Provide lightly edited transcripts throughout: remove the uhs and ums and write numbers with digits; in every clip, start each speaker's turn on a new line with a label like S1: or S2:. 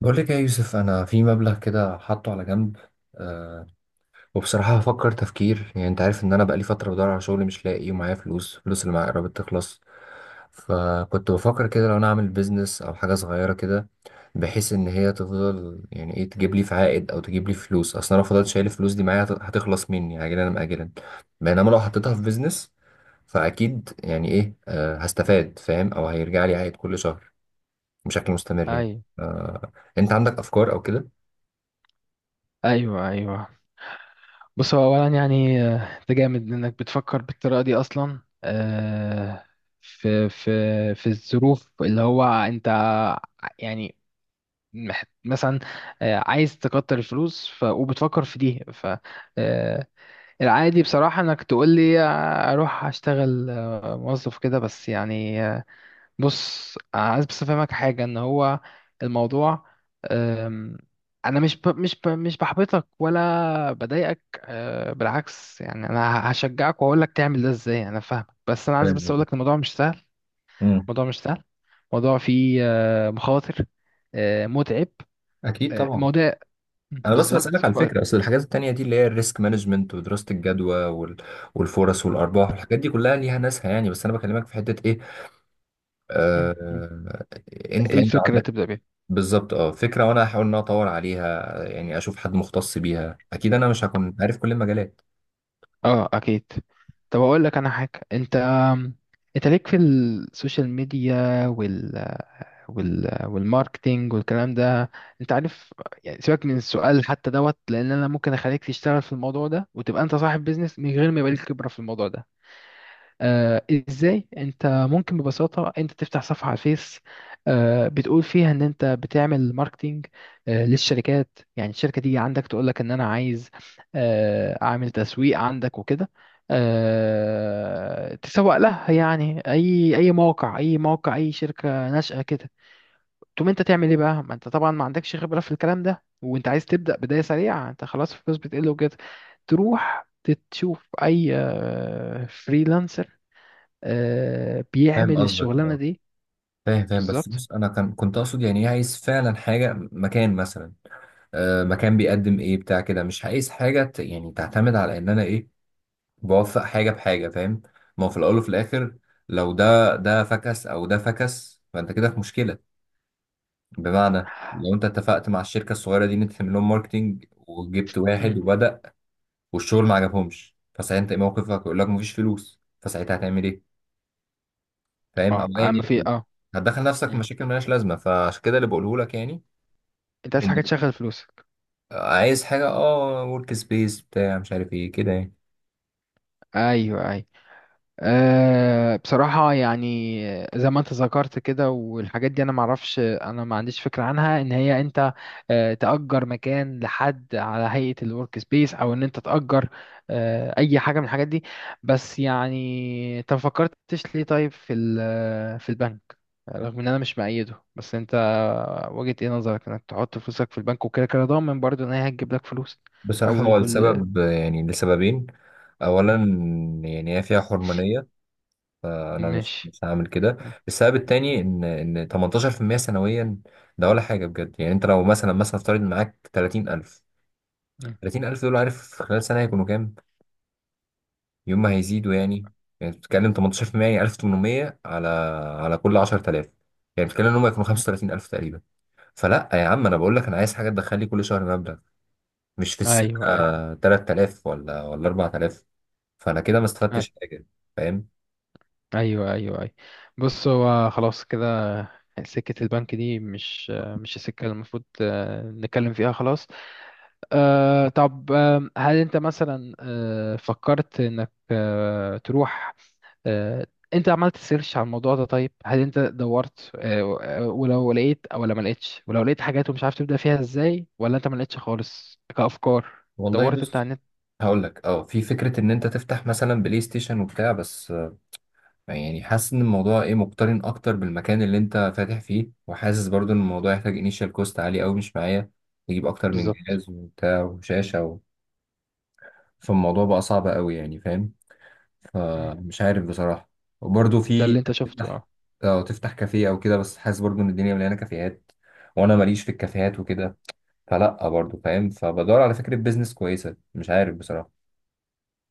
S1: بقول لك يا يوسف، انا في مبلغ كده حاطه على جنب. أه. وبصراحه هفكر تفكير، يعني انت عارف ان انا بقالي فتره بدور على شغل مش لاقي، ومعايا فلوس. الفلوس اللي معايا قربت تخلص. فكنت بفكر كده، لو انا اعمل بيزنس او حاجه صغيره كده، بحيث ان هي تفضل يعني ايه تجيب لي في عائد او تجيب لي فلوس. اصل انا لو فضلت شايل الفلوس دي معايا هتخلص مني عاجلا ام اجلا. بينما لو حطيتها في بيزنس فاكيد يعني ايه هستفاد، فاهم، او هيرجع لي عائد كل شهر بشكل مستمر يعني.
S2: ايوه
S1: أه. انت عندك افكار او كده؟
S2: ايوه ايوه. بص هو اولا يعني، انت جامد انك بتفكر بالطريقه دي اصلا، في في في الظروف اللي هو انت يعني، مثلا، عايز تكتر الفلوس، ف وبتفكر في دي، ف آه، العادي بصراحه انك تقول لي اروح اشتغل موظف كده، بس يعني. بص عايز بس افهمك حاجه ان هو الموضوع. أم، انا مش بحبطك ولا بضايقك، بالعكس، يعني انا هشجعك واقول لك تعمل ده ازاي، انا فاهمك، بس انا عايز
S1: فاهم
S2: بس اقول
S1: قصدك.
S2: لك الموضوع مش سهل.
S1: مم.
S2: الموضوع مش سهل، الموضوع فيه مخاطر، متعب،
S1: اكيد طبعا.
S2: الموضوع...
S1: انا بس بسالك
S2: بالظبط،
S1: على
S2: كويس.
S1: الفكره، اصل الحاجات التانية دي اللي هي الريسك مانجمنت ودراسه الجدوى وال... والفرص والارباح والحاجات دي كلها ليها ناسها، يعني بس انا بكلمك في حته ايه.
S2: مم، مم.
S1: آه... انت
S2: إيه
S1: انت
S2: الفكره
S1: عندك.
S2: تبدا بيها؟
S1: بالظبط فكره، وانا هحاول ان أنا اطور عليها، يعني اشوف حد مختص بيها. اكيد انا مش هكون عارف كل المجالات.
S2: اه، اكيد. طب اقول لك انا حاجه، انت انت ليك في السوشيال ميديا والماركتينج والكلام ده، انت عارف يعني. سيبك من السؤال حتى دوت، لان انا ممكن اخليك تشتغل في الموضوع ده وتبقى انت صاحب بيزنس من غير ما يبقى ليك خبرة في الموضوع ده. آه ازاي انت ممكن؟ ببساطة انت تفتح صفحة على الفيس، بتقول فيها ان انت بتعمل ماركتينج للشركات، يعني الشركة تيجي عندك تقول لك ان انا عايز اعمل تسويق عندك وكده، تسوق لها، يعني اي اي موقع، اي موقع، اي شركه ناشئه كده. تقوم انت تعمل ايه بقى؟ ما انت طبعا ما عندكش خبرة في الكلام ده، وانت عايز تبدأ بداية سريعة، انت خلاص الفلوس بتقل وكده، تروح تشوف اي فريلانسر
S1: فاهم
S2: بيعمل
S1: قصدك،
S2: الشغلانة
S1: اه.
S2: دي.
S1: فاهم فاهم، بس
S2: بالظبط.
S1: بص، انا كنت اقصد يعني ايه، عايز فعلا حاجه مكان مثلا. آه مكان بيقدم ايه بتاع كده. مش عايز حاجه يعني تعتمد على ان انا ايه، بوفق حاجه بحاجه، فاهم. ما هو في الاول وفي الاخر لو ده فكس او ده فكس، فانت كده في مشكله. بمعنى لو انت اتفقت مع الشركه الصغيره دي ان انت تعمل لهم ماركتنج، وجبت واحد
S2: مم.
S1: وبدا، والشغل ما عجبهمش، فساعتها انت ايه موقفك؟ يقول لك مفيش فلوس، فساعتها هتعمل ايه؟ فاهم، او
S2: اه
S1: ايا
S2: اما في
S1: يكن.
S2: اه.
S1: هتدخل نفسك في
S2: مم.
S1: مشاكل مالهاش لازمه، فعشان كده اللي بقوله لك يعني،
S2: انت عايز حاجة
S1: ان
S2: تشغل فلوسك.
S1: عايز حاجه اه، ورك سبيس بتاع، مش عارف ايه كده يعني.
S2: ايوه ايوه. بصراحة يعني، زي ما انت ذكرت كده والحاجات دي، انا معرفش، انا ما عنديش فكرة عنها، ان هي انت تأجر مكان لحد على هيئة الورك سبيس، او ان انت تأجر اي حاجة من الحاجات دي. بس يعني انت ما فكرتش ليه طيب، في في البنك؟ رغم ان انا مش مأيده، بس انت وجهة ايه نظرك انك تحط فلوسك في البنك، وكده كده ضامن برضو ان هي هتجيب لك فلوس.
S1: بصراحه
S2: اول
S1: هو
S2: كل...
S1: السبب يعني لسببين. اولا، يعني هي فيها حرمانيه، فانا مش
S2: ماشي،
S1: مش هعمل كده.
S2: م-
S1: السبب
S2: م-
S1: التاني ان 18% سنويا، ده ولا حاجه بجد. يعني انت لو مثلا افترض معاك 30000.
S2: م-
S1: 30000 دول عارف في خلال سنه هيكونوا كام؟ يوم ما هيزيدوا يعني. يعني بتتكلم 18%، يعني 1800 على كل 10000. يعني بتتكلم ان هم يكونوا
S2: م.
S1: 35000 تقريبا. فلا يا عم، انا بقول لك انا عايز حاجه تدخل لي كل شهر مبلغ، مش في السنه.
S2: ايوه ايوه
S1: 3000 ولا 4000، فانا كده ما
S2: أيوه.
S1: استفدتش حاجه، فاهم.
S2: ايوه ايوه ايوه. بص هو خلاص كده، سكة البنك دي مش مش السكة اللي المفروض نتكلم فيها، خلاص. طب، هل انت مثلا فكرت انك تروح؟ أه انت عملت سيرش على الموضوع ده؟ طيب هل انت دورت ولو لقيت او ولا ما لقيتش، ولو لقيت حاجات ومش عارف تبدأ فيها ازاي، ولا انت ما لقيتش خالص كأفكار؟
S1: والله
S2: دورت انت على
S1: بص،
S2: النت؟
S1: هقول لك اه، في فكره ان انت تفتح مثلا بلاي ستيشن وبتاع، بس يعني حاسس ان الموضوع ايه، مقترن اكتر بالمكان اللي انت فاتح فيه. وحاسس برضو ان الموضوع يحتاج انيشال كوست عالي قوي، مش معايا. تجيب اكتر من
S2: بالظبط.
S1: جهاز وبتاع وشاشه و... فالموضوع بقى صعب قوي يعني، فاهم.
S2: مم.
S1: فمش عارف بصراحه. وبرضو
S2: ده
S1: في
S2: اللي انت شفته،
S1: تفتح،
S2: اه.
S1: اه تفتح كافيه او كده. بس حاسس برضو ان الدنيا مليانه كافيهات، وانا ماليش في الكافيهات وكده، فلا برضو، فاهم. فبدور على فكره بيزنس كويسه، مش عارف بصراحه.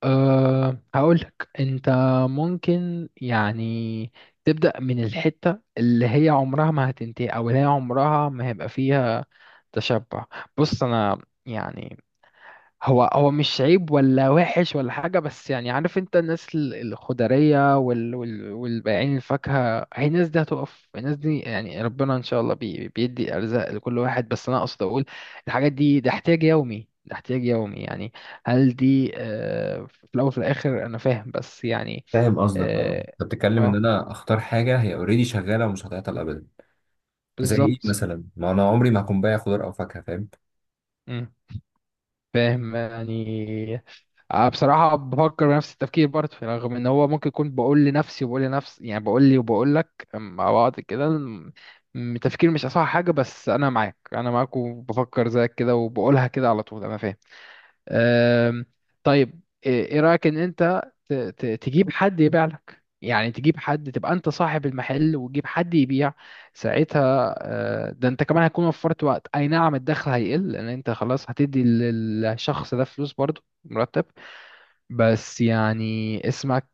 S2: هقولك، انت ممكن يعني تبدأ من الحتة اللي هي عمرها ما هتنتهي، او اللي هي عمرها ما هيبقى فيها تشبع. بص انا يعني هو هو مش عيب ولا وحش ولا حاجة، بس يعني عارف انت الناس الخضرية والبائعين الفاكهة، هي الناس دي هتقف، الناس دي يعني ربنا ان شاء الله بيدي ارزاق لكل واحد، بس انا اقصد اقول الحاجات دي، ده احتياج يومي، ده احتياج يومي يعني. هل دي في الاول وفي الاخر، انا فاهم بس يعني.
S1: فاهم قصدك، اه.
S2: اه،
S1: انت بتتكلم ان
S2: آه،
S1: انا اختار حاجه هي اوريدي شغاله ومش هتعطل ابدا. زي ايه
S2: بالظبط،
S1: مثلا؟ ما انا عمري ما هكون بايع خضار او فاكهه، فاهم.
S2: فاهم يعني. بصراحة بفكر بنفس التفكير برضه يعني، رغم ان هو ممكن يكون، بقول لنفسي وبقول لنفسي، يعني بقول لي وبقول لك مع بعض كده، التفكير مش اصح حاجة، بس انا معاك، انا معاك، وبفكر زيك كده، وبقولها كده على طول، انا فاهم. أم، طيب، إيه رأيك ان انت تجيب حد يبيع لك؟ يعني تجيب حد تبقى انت صاحب المحل وتجيب حد يبيع، ساعتها ده انت كمان هتكون وفرت وقت، اي نعم الدخل هيقل لان انت خلاص هتدي للشخص ده فلوس برضه مرتب، بس يعني اسمك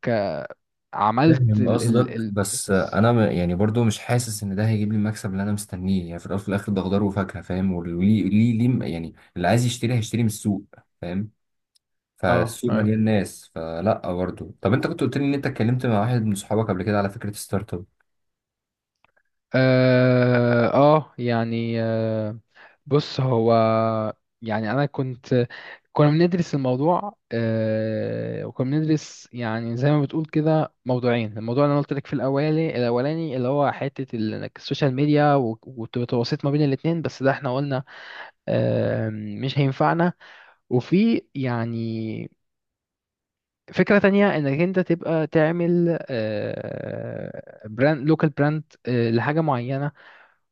S2: عملت
S1: فاهم
S2: ال ال
S1: قصدك،
S2: ال
S1: بس
S2: business.
S1: انا يعني برضو مش حاسس ان ده هيجيب لي المكسب اللي انا مستنيه. يعني في الاول وفي الاخر ده خضار وفاكهه، فاهم. وليه ليه ليه يعني، اللي عايز يشتري هيشتري من السوق، فاهم.
S2: اه،
S1: فالسوق
S2: أي.
S1: مليان ناس، فلا برضو. طب انت كنت قلت لي ان انت اتكلمت مع واحد من صحابك قبل كده على فكره ستارت اب.
S2: اه، يعني بص هو، يعني انا كنت كنا بندرس الموضوع وكنا بندرس، يعني زي ما بتقول كده، موضوعين، الموضوع اللي انا قلت لك في الاولاني، الاولاني اللي هو حته إنك السوشيال ميديا والتواصل ما بين الاثنين، بس ده احنا قلنا مش هينفعنا، وفي يعني فكرة تانية، انك انت تبقى تعمل براند، لوكال براند لحاجة معينة،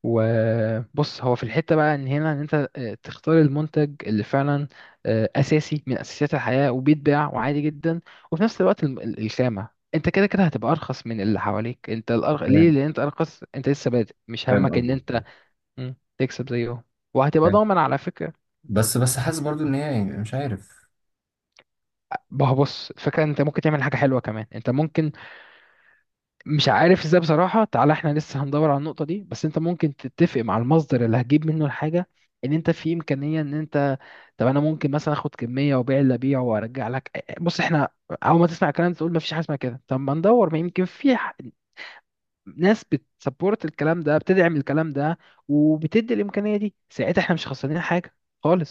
S2: وبص هو في الحتة بقى، ان هنا ان انت تختار المنتج اللي فعلا اساسي من اساسيات الحياة، وبيتباع وعادي جدا، وفي نفس الوقت الخامة، انت كده كده هتبقى ارخص من اللي حواليك، انت ليه؟
S1: فاهم
S2: لان انت ارخص، انت لسه بادئ، مش
S1: فاهم
S2: همك ان انت
S1: قصدك،
S2: تكسب زيهم، وهتبقى
S1: فاهم.
S2: ضامن على فكرة.
S1: بس بس حاسس برضو ان هي يعني، مش عارف.
S2: ما هو بص، الفكرة إن انت ممكن تعمل حاجة حلوة كمان، انت ممكن، مش عارف ازاي بصراحة، تعالى احنا لسه هندور على النقطة دي، بس انت ممكن تتفق مع المصدر اللي هتجيب منه الحاجة، ان انت في امكانية ان انت، طب انا ممكن مثلا اخد كمية، وابيع اللي ابيعه وارجع لك. بص احنا، اول ما تسمع الكلام ده تقول ما فيش حاجة اسمها كده، طب ما ندور، ما يمكن في ناس بتسبورت الكلام ده، بتدعم الكلام ده، وبتدي الامكانيه دي، ساعتها احنا مش خسرانين حاجه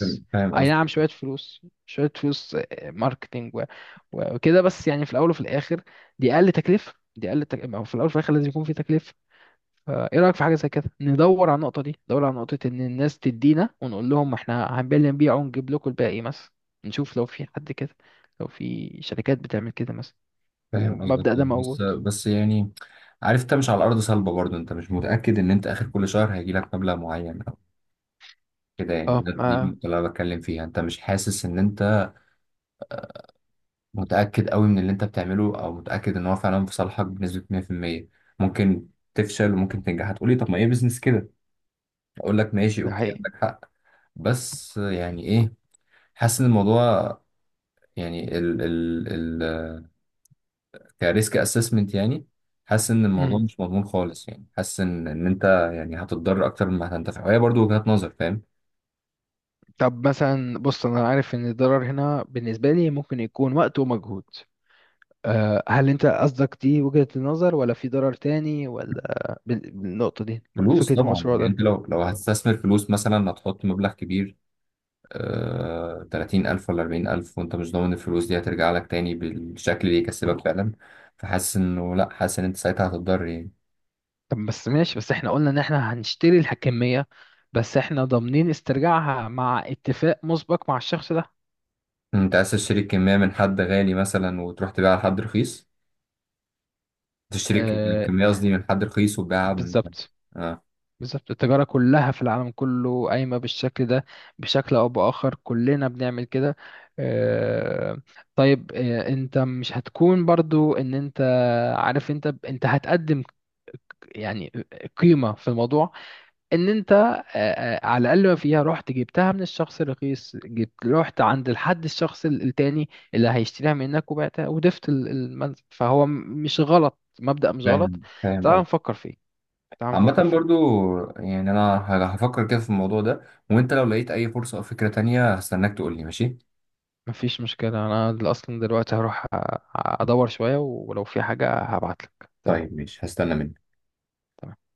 S1: فاهم فاهم
S2: اي نعم، شويه فلوس، شويه فلوس، ماركتينج، وكده، بس يعني في الاول وفي الاخر دي اقل تكلفه، أو في الاول وفي الاخر لازم يكون في تكلفه. فايه رايك في حاجه زي كده؟ ندور على النقطه دي، ندور على نقطه ان الناس تدينا ونقول لهم احنا هنبيع، نبيع ونجيب لكم الباقي مثلا، نشوف لو في حد كده، لو في شركات بتعمل كده مثلا،
S1: فاهم قصدك
S2: والمبدأ
S1: ده.
S2: ده
S1: بس
S2: موجود.
S1: بس يعني، عارف انت مش على الارض صلبه برضو، انت مش متاكد ان انت اخر كل شهر هيجي لك مبلغ معين او كده يعني.
S2: اه،
S1: ده دي
S2: ما
S1: النقطة اللي انا بتكلم فيها، انت مش حاسس ان انت متاكد قوي من اللي انت بتعمله، او متاكد ان هو فعلا في صالحك بنسبه 100%. ممكن تفشل وممكن تنجح. هتقولي طب ما ايه بيزنس كده؟ اقول لك ماشي
S2: ده
S1: اوكي،
S2: حقيقي.
S1: عندك حق. بس يعني ايه، حاسس ان الموضوع، يعني ال ال ال كريسك اسسمنت يعني، حاسس ان الموضوع مش مضمون خالص يعني. حاسس ان انت يعني هتتضرر اكتر مما هتنتفع، وهي برضو وجهات نظر، فاهم.
S2: طب مثلا، بص انا عارف ان الضرر هنا بالنسبه لي ممكن يكون وقت ومجهود. هل انت قصدك دي وجهه النظر، ولا في ضرر تاني، ولا بالنقطه دي مع
S1: فلوس
S2: فكره
S1: طبعا
S2: المشروع
S1: يعني.
S2: ده؟
S1: انت لو هتستثمر فلوس مثلا، هتحط مبلغ كبير، 30000 ولا 40000، وانت مش ضامن الفلوس دي هترجع لك تاني بالشكل اللي يكسبك فعلا. فحاسس انه لا، حاسس ان انت ساعتها هتتضرر يعني.
S2: طب بس ماشي، بس احنا قلنا ان احنا هنشتري الحكميه، بس احنا ضامنين استرجاعها مع اتفاق مسبق مع الشخص ده.
S1: انت عايز تشتري الكمية من حد غالي مثلا وتروح تبيعها لحد رخيص؟ تشتري
S2: أه
S1: الكمية قصدي من حد رخيص وتبيعها من،
S2: بالظبط.
S1: اه.
S2: بالظبط التجارة كلها في العالم كله قايمة بالشكل ده، بشكل أو بآخر كلنا بنعمل كده. آه، طيب، أنت مش هتكون برضو إن أنت عارف، أنت هتقدم يعني قيمة في الموضوع، إن أنت على الأقل ما فيها، رحت جبتها من الشخص الرخيص، جبت رحت عند الشخص التاني اللي هيشتريها منك وبعتها، وضفت المنزل، فهو مش غلط، مبدأ مش غلط.
S1: فاهم فاهم.
S2: تعال نفكر فيه. تعال
S1: عامة
S2: نفكر فيه.
S1: برضو، يعني أنا هفكر كده في الموضوع ده، وأنت لو لقيت أي فرصة أو فكرة تانية هستناك تقولي ماشي؟
S2: مفيش مشكلة، أنا أصلا دلوقتي هروح أدور شوية، ولو في حاجة هبعتلك. تمام.
S1: طيب ماشي، هستنى منك.
S2: تمام